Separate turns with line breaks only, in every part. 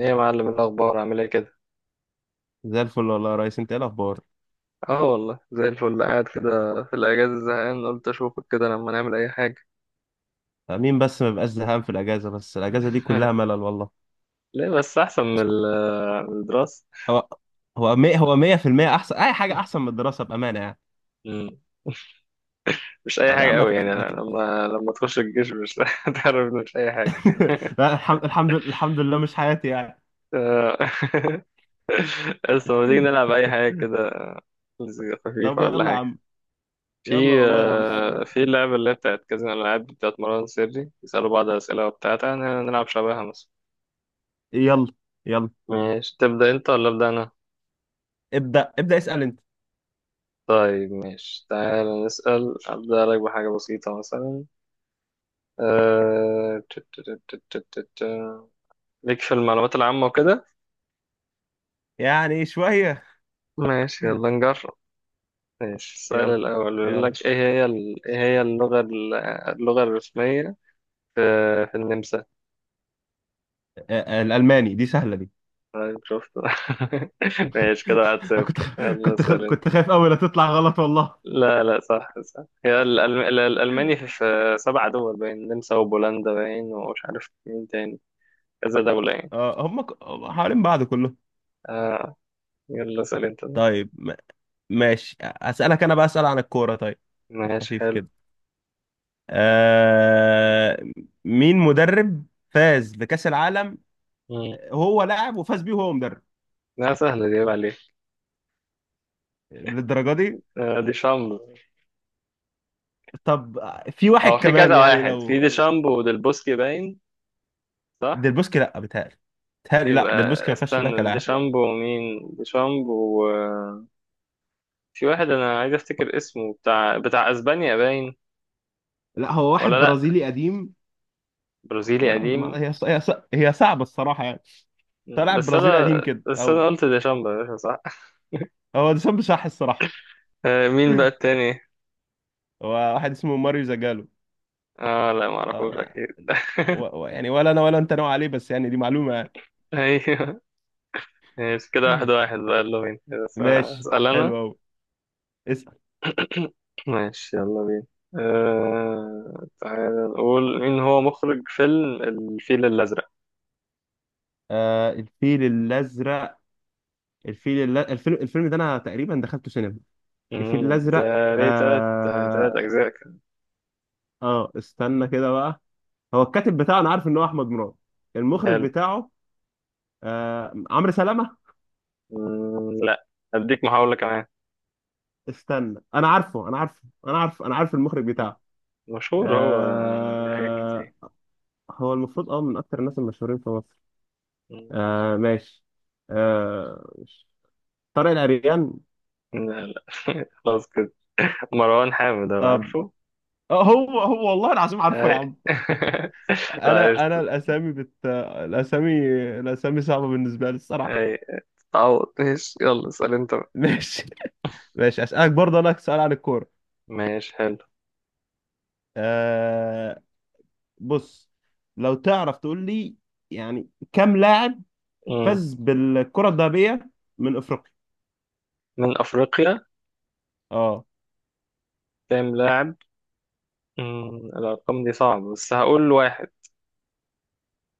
ايه يا معلم، الاخبار عامل ايه كده.
زي الفل والله يا ريس، انت ايه الاخبار؟
اه والله زي الفل، قاعد كده في الاجازه زهقان، قلت اشوفك كده لما نعمل اي حاجه.
آه، مين بس ما بيبقاش زهقان في الاجازه، بس الاجازه دي كلها ملل والله.
ليه بس، احسن من الدراسه.
هو هو مية هو 100% احسن اي حاجه احسن من الدراسه بامانه يعني.
مم. مش اي
طب يا
حاجه
عم ما
قوي
ت-
يعني،
ما
أنا
ت-
لما تخش الجيش مش هتعرف إنه مش اي حاجه.
لا الحمد لله مش حياتي يعني.
آه. بس لما تيجي نلعب اي حاجه كده، مزيكا خفيفه
طب
ولا
يلا يا
حاجه.
عم. يلا
في
والله يا عم.
آه، في اللعبه اللي هي بتاعت كازينو الالعاب بتاعت مروان سري، يسالوا بعض اسئله وبتاع. تعالى نلعب شبهها مثلا.
يلا. يلا.
ماشي، تبدا انت ولا ابدا انا؟
ابدا ابدا، اسال انت.
طيب ماشي، تعال نسأل. أبدأ لك بحاجة بسيطة مثلا. أه... ت- ت- ت- ت- ت- ت- ت- ليك في المعلومات العامة وكده.
يعني شويه.
ماشي يلا نجرب. ماشي، السؤال
يلا.
الأول بيقول
يلا.
لك: إيه هي اللغة الرسمية في, في النمسا؟
آه، آه، الالماني دي سهله دي.
طيب شفت. ماشي كده، واحد
انا
صفر
كنت
يلا
كنت
اسأل أنت.
كنت خايف قوي لا تطلع غلط والله.
لا لا، صح صح، هي الألماني، في 7 دول باين، النمسا وبولندا باين، ومش عارف مين تاني. كذا دولة يعني.
اه هم حوالين بعض كله.
آه. يلا اسأل انت.
طيب ماشي اسالك انا بقى، اسال عن الكوره طيب،
ماشي
الخفيف
حلو.
كده. آه... مين مدرب فاز بكاس العالم؟
مم.
هو لاعب وفاز بيه وهو مدرب.
لا، سهلة دي، عيب عليك.
للدرجه دي؟
آه، دي شامبو.
طب في واحد
هو في
كمان
كذا
يعني
واحد، في
لو.
دي شامبو وديل بوسكي باين. صح.
ديلبوسكي؟ لا بيتهيألي. بيتهيألي لا،
يبقى
ديلبوسكي ما فازش بيها
استنى، دي
كلاعب.
شامبو، مين دي شامبو؟ آه، في واحد انا عايز افتكر اسمه، بتاع بتاع اسبانيا باين.
لا هو
ولا
واحد
لا،
برازيلي قديم.
برازيلي
ما...
قديم.
ما... هي... ص... هي ص... هي صعبه الصراحه يعني.
مم.
طلع
بس
برازيلي
انا
قديم كده
بس انا
او.
قلت دي شامبو يا باشا، صح.
هو ده صح الصراحه.
آه، مين بقى التاني؟
هو واحد اسمه ماريو زاجالو.
اه لا، ما
اه
اعرفوش
انا
اكيد.
يعني، ولا انا ولا انت نوع عليه، بس يعني دي معلومة يعني.
ايوه. ماشي كده 1-1 بقى، يلا بينا بس، آه،
ماشي
هسأل انا.
حلو قوي. اسأل.
ماشي يلا بينا. آه... تعالى نقول، مين هو مخرج فيلم الفيل الأزرق؟
آه الفيل الازرق. الفيل الل... الفيلم الفيلم ده انا تقريبا دخلته سينما. الفيل
مم، ده
الازرق.
ليه تلات تلات
اه.
أجزاء كان.
اه استنى كده بقى. هو الكاتب بتاعه انا عارف ان هو احمد مراد. المخرج
حلو.
بتاعه؟ آه عمرو سلامة.
مم، لا، أديك محاولة كمان.
استنى انا عارف المخرج
مم،
بتاعه.
مشهور هو، آه، ليه حاجات
آه.
كتير.
هو المفروض اه من اكتر الناس المشهورين في مصر.
مم،
آه ماشي. آه. طارق العريان.
لا لا خلاص كده، مروان حامد، هو
طب
عارفه.
هو والله العظيم عارفه يا
أي.
عم.
لا، عرفت.
انا انا الاسامي بت الاسامي، الاسامي صعبه بالنسبه لي الصراحه.
أي. تعوض، ماشي يلا اسأل أنت بقى.
ماشي. ماشي اسالك برضه انا سؤال عن الكوره.
ماشي حلو.
آه. بص، لو تعرف تقول لي، يعني كم لاعب
مم.
فاز بالكره الذهبيه من افريقيا؟
من أفريقيا.
اه.
كام لاعب؟ مم، الأرقام دي صعبة، بس هقول واحد.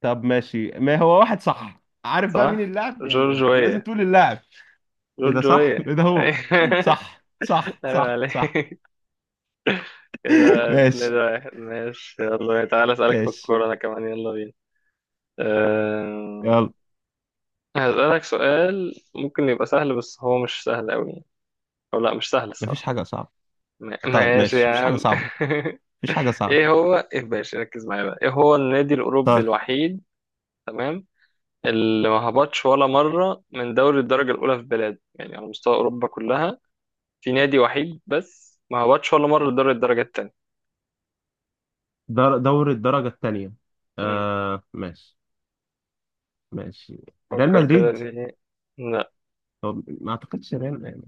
طب ماشي، ما هو واحد صح، عارف بقى مين
صح.
اللاعب؟ يعني هو لازم
جورجوية.
تقول اللاعب. ايه ده صح؟
جورجوية.
ايه ده؟ هو صح صح
أيوة
صح صح.
عليك. كده اتنين
ماشي.
واحد ماشي يلا تعالى أسألك في
ماشي.
الكورة أنا كمان، يلا بينا. أه...
يلا.
هسألك سؤال ممكن يبقى سهل، بس هو مش سهل أوي. أو لا، مش سهل
مفيش
الصراحة.
حاجة صعبة. طيب
ماشي يا
ماشي مفيش حاجة
عم.
صعبة. مفيش حاجة صعبة.
إيه هو، إيه باشا ركز معايا بقى، إيه هو النادي الأوروبي
طيب.
الوحيد، تمام، اللي ما هبطش ولا مرة من دوري الدرجة الأولى في بلاده، يعني على مستوى أوروبا كلها، في نادي وحيد بس ما هبطش ولا مرة لدوري الدرجة التانية.
دوري الدرجة الثانية.
مم.
آه ماشي. ماشي. ريال
فكر كده
مدريد.
ليه. لا،
هو ما اعتقدش ريال.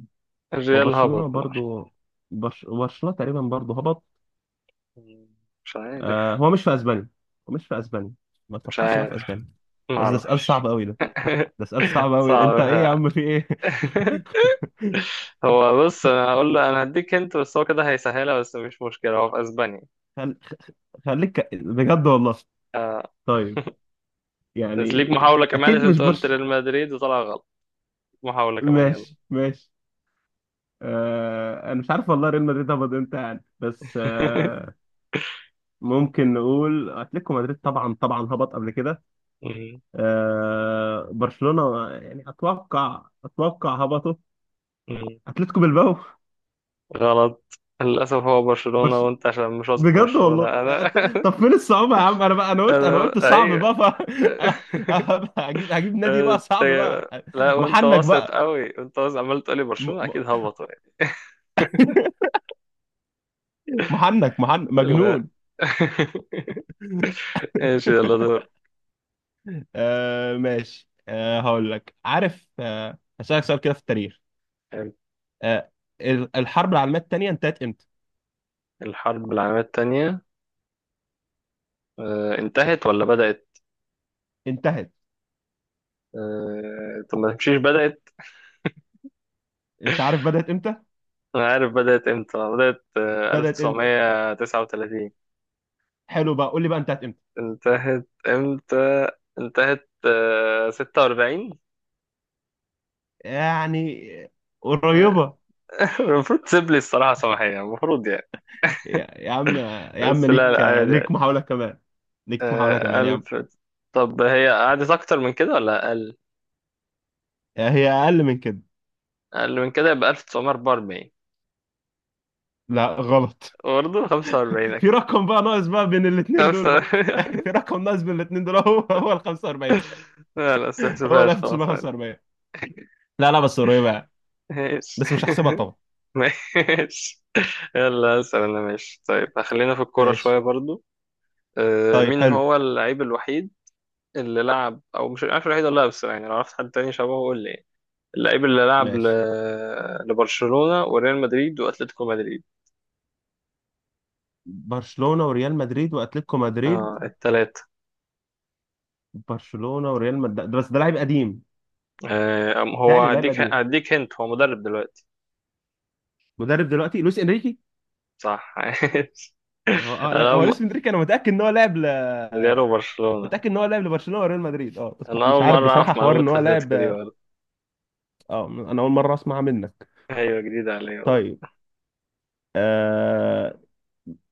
هو
الريال
برشلونة
هبط مرة.
برضو. برشلونة تقريبا برضو هبط.
مم. مش عارف.
آه هو مش في اسبانيا. هو مش في اسبانيا. ما
مش
اتوقعش انه في
عارف.
اسبانيا.
ما
بس ده سؤال صعب
اعرفش.
قوي ده. ده سؤال صعب قوي، انت
صعب.
ايه يا عم في ايه؟
هو بص، انا هقول له، انا هديك انت بس هو كده هيسهلها، بس مش مشكلة، هو في اسبانيا.
خل... خليك بجد والله.
آه.
طيب.
بس
يعني
ليك محاولة كمان
اكيد
عشان
مش
انت قلت
برش.
ريال مدريد وطلع غلط. محاولة كمان يلا.
ماشي. ماشي. آه، انا مش عارف والله ريال مدريد هبط امتى يعني، بس آه، ممكن نقول اتلتيكو مدريد، طبعا طبعا هبط قبل كده.
مم.
آه، برشلونة يعني اتوقع هبطوا.
مم.
اتلتيكو بالباو.
غلط للأسف، هو برشلونة،
برش...
وأنت عشان مش واثق في
بجد
برشلونة
والله
أنا.
طب فين الصعوبة يا عم؟ انا بقى، انا قلت انا قلت
أنا
صعب
أيوة.
بقى ف... هجيب نادي بقى
أنت،
صعب بقى.
لا وأنت
محنك
واثق
بقى.
أوي، وأنت واثق عمال تقولي
م...
برشلونة
م-
أكيد هبطوا يعني.
محنك
لا.
مجنون.
ماشي يلا دور.
آه ماشي. آه هقول لك. عارف، آه هسألك سؤال كده في التاريخ. آه، الحرب العالميه الثانيه انتهت امتى؟
الحرب العالمية التانية، آه، انتهت ولا بدأت؟
انتهت.
آه، طب ما تمشيش، بدأت.
انت عارف بدات امتى؟
أنا عارف بدأت إمتى، بدأت آه،
بدات امتى؟
1939.
حلو بقى قول لي بقى انتهت امتى.
انتهت إمتى؟ انتهت آه، 46.
يعني قريبه.
المفروض تسيب لي الصراحة صباحية المفروض يعني.
يا عم، يا عم،
بس لا لا،
ليك
مم. عادي
ليك
عادي.
محاوله كمان. ليك محاوله
آه
كمان يا عم.
ألف. طب هي قعدت أكتر من كده ولا أقل؟
هي اقل من كده.
أقل من كده، يبقى 1944.
لا غلط.
برضه 45
في
أكيد.
رقم بقى ناقص بقى بين الاثنين دول
خمسة.
بقى. في رقم ناقص بين الاثنين دول. هو ال 45.
لا لا
هو ال
استحسفهاش، خلاص عادي.
1945. لا لا بس قريبه يعني.
ماشي.
بس مش هحسبها طبعا.
ماشي. يلا أسأل أنا، ماشي طيب خلينا في الكورة شوية
ماشي.
برضو. آه،
طيب
مين
حلو.
هو اللعيب الوحيد اللي لعب، أو مش عارف الوحيد ولا لا، بس يعني لو عرفت حد تاني شبهه قول لي، اللعيب اللي لعب
ماشي
لبرشلونة وريال مدريد واتلتيكو مدريد.
برشلونة وريال مدريد واتلتيكو مدريد.
اه التلاتة.
برشلونة وريال مدريد، بس ده لاعب قديم.
آه هو
تهيألي لاعب
هديك
قديم.
هديك هنت، هو مدرب دلوقتي.
مدرب دلوقتي. لويس انريكي.
صح.
هو آه، لا،
انا
هو
م-
لويس انريكي انا متأكد ان هو لاعب ل...
ريال وبرشلونة.
متأكد ان هو لاعب لبرشلونة وريال مدريد، اه بس
انا
مش
اول
عارف
مرة
بصراحة
اعرف
حوار
معلومة
ان هو
اتلتيكو دي
لاعب.
برضه.
اه انا اول مرة اسمع منك.
ايوه جديدة عليا برضه.
طيب. أه...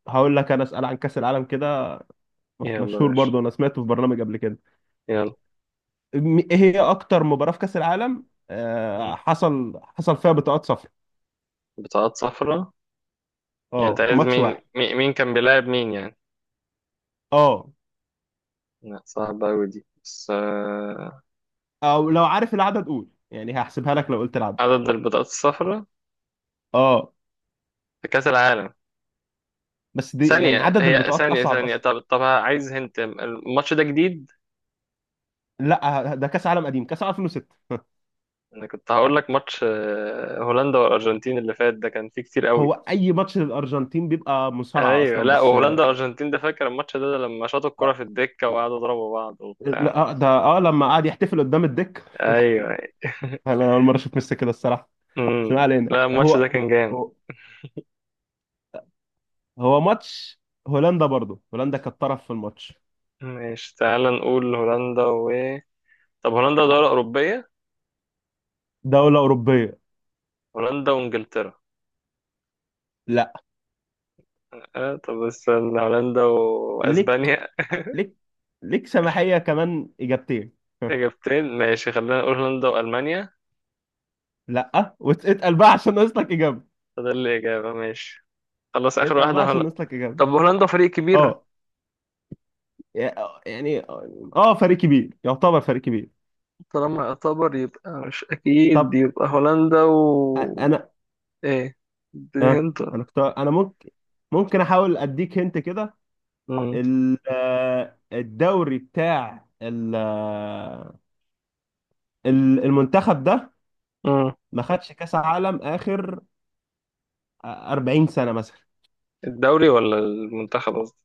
هقول لك انا اسأل عن كأس العالم كده.
يلا يا
مشهور
باشا.
برضو انا سمعته في برنامج قبل كده.
يلا.
ايه هي اكتر مباراة في كأس العالم
مم.
حصل فيها بطاقات صفراء؟
بطاقات صفراء. يعني
اه
انت
في
عايز
ماتش
مين،
واحد.
مين كان بيلاعب مين يعني؟
اه.
لا، صعبة أوي دي بس، آه،
او لو عارف العدد قول، يعني هحسبها لك لو قلت العدد.
عدد البطاقات الصفراء
اه
في كأس العالم.
بس دي يعني
ثانية،
عدد
هي
البطاقات
ثانية
اصعب
ثانية،
اصلا.
طب طب عايز هنت، الماتش ده جديد؟
لا ده كاس عالم قديم، كاس عالم 2006.
انا كنت هقول لك ماتش آه، هولندا والارجنتين اللي فات ده كان فيه كتير
هو
قوي.
اي ماتش للارجنتين بيبقى مصارعه
ايوه
اصلا،
لا،
بس آه،
وهولندا والارجنتين ده فاكر الماتش ده, ده لما شاطوا الكرة في الدكة وقعدوا يضربوا بعض
لا
وبتاع.
آه، ده اه لما قعد يحتفل قدام الدك.
ايوه.
انا اول مره اشوف ميسي كده الصراحه. بس
امم.
ما علينا.
لا الماتش ده كان جامد.
هو هو ماتش هولندا برضو، هولندا كانت طرف في الماتش.
ماشي تعال نقول هولندا و، طب هولندا دولة أوروبية.
دوله اوروبيه.
هولندا وإنجلترا.
لا.
آه طب استنى، هولندا
ليك
وأسبانيا.
ليك ليك سماحيه كمان اجابتين.
إجابتين، ماشي خلينا نقول هولندا وألمانيا.
لا، واتقل بقى عشان ناقص لك اجابه.
فده الإجابة ماشي. خلاص اخر
اتقل بقى
واحده،
عشان
هولندا.
ناقص لك اجابه.
طب هولندا فريق كبير.
اه يعني. اه فريق كبير، يعتبر فريق كبير.
طالما يعتبر يبقى مش اكيد،
طب
يبقى هولندا و،
انا.
ايه، دي
آه
هنت.
انا كنت. انا ممكن احاول اديك هنت كده.
مم.
ال- آه، الدوري بتاع ال- آه، ال- المنتخب ده
مم.
ما خدش كاس عالم اخر 40 سنة مثلا.
الدوري ولا المنتخب قصدي؟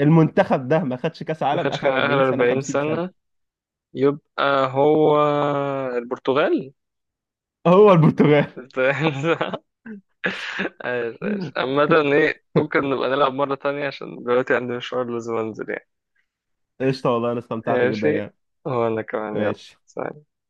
المنتخب ده ما خدش كاس
ما
عالم
كانش، كان
اخر 40
اخر
سنة،
40
50 سنة.
سنه. يبقى هو البرتغال.
هو البرتغال.
ايش ايش عامة. ايه ممكن نبقى نلعب مرة تانية عشان دلوقتي عندي مشوار لازم انزل يعني.
قشطة والله انا استمتعت جدا
ماشي.
يعني.
هو انا كمان يلا.
ماشي.
سلام.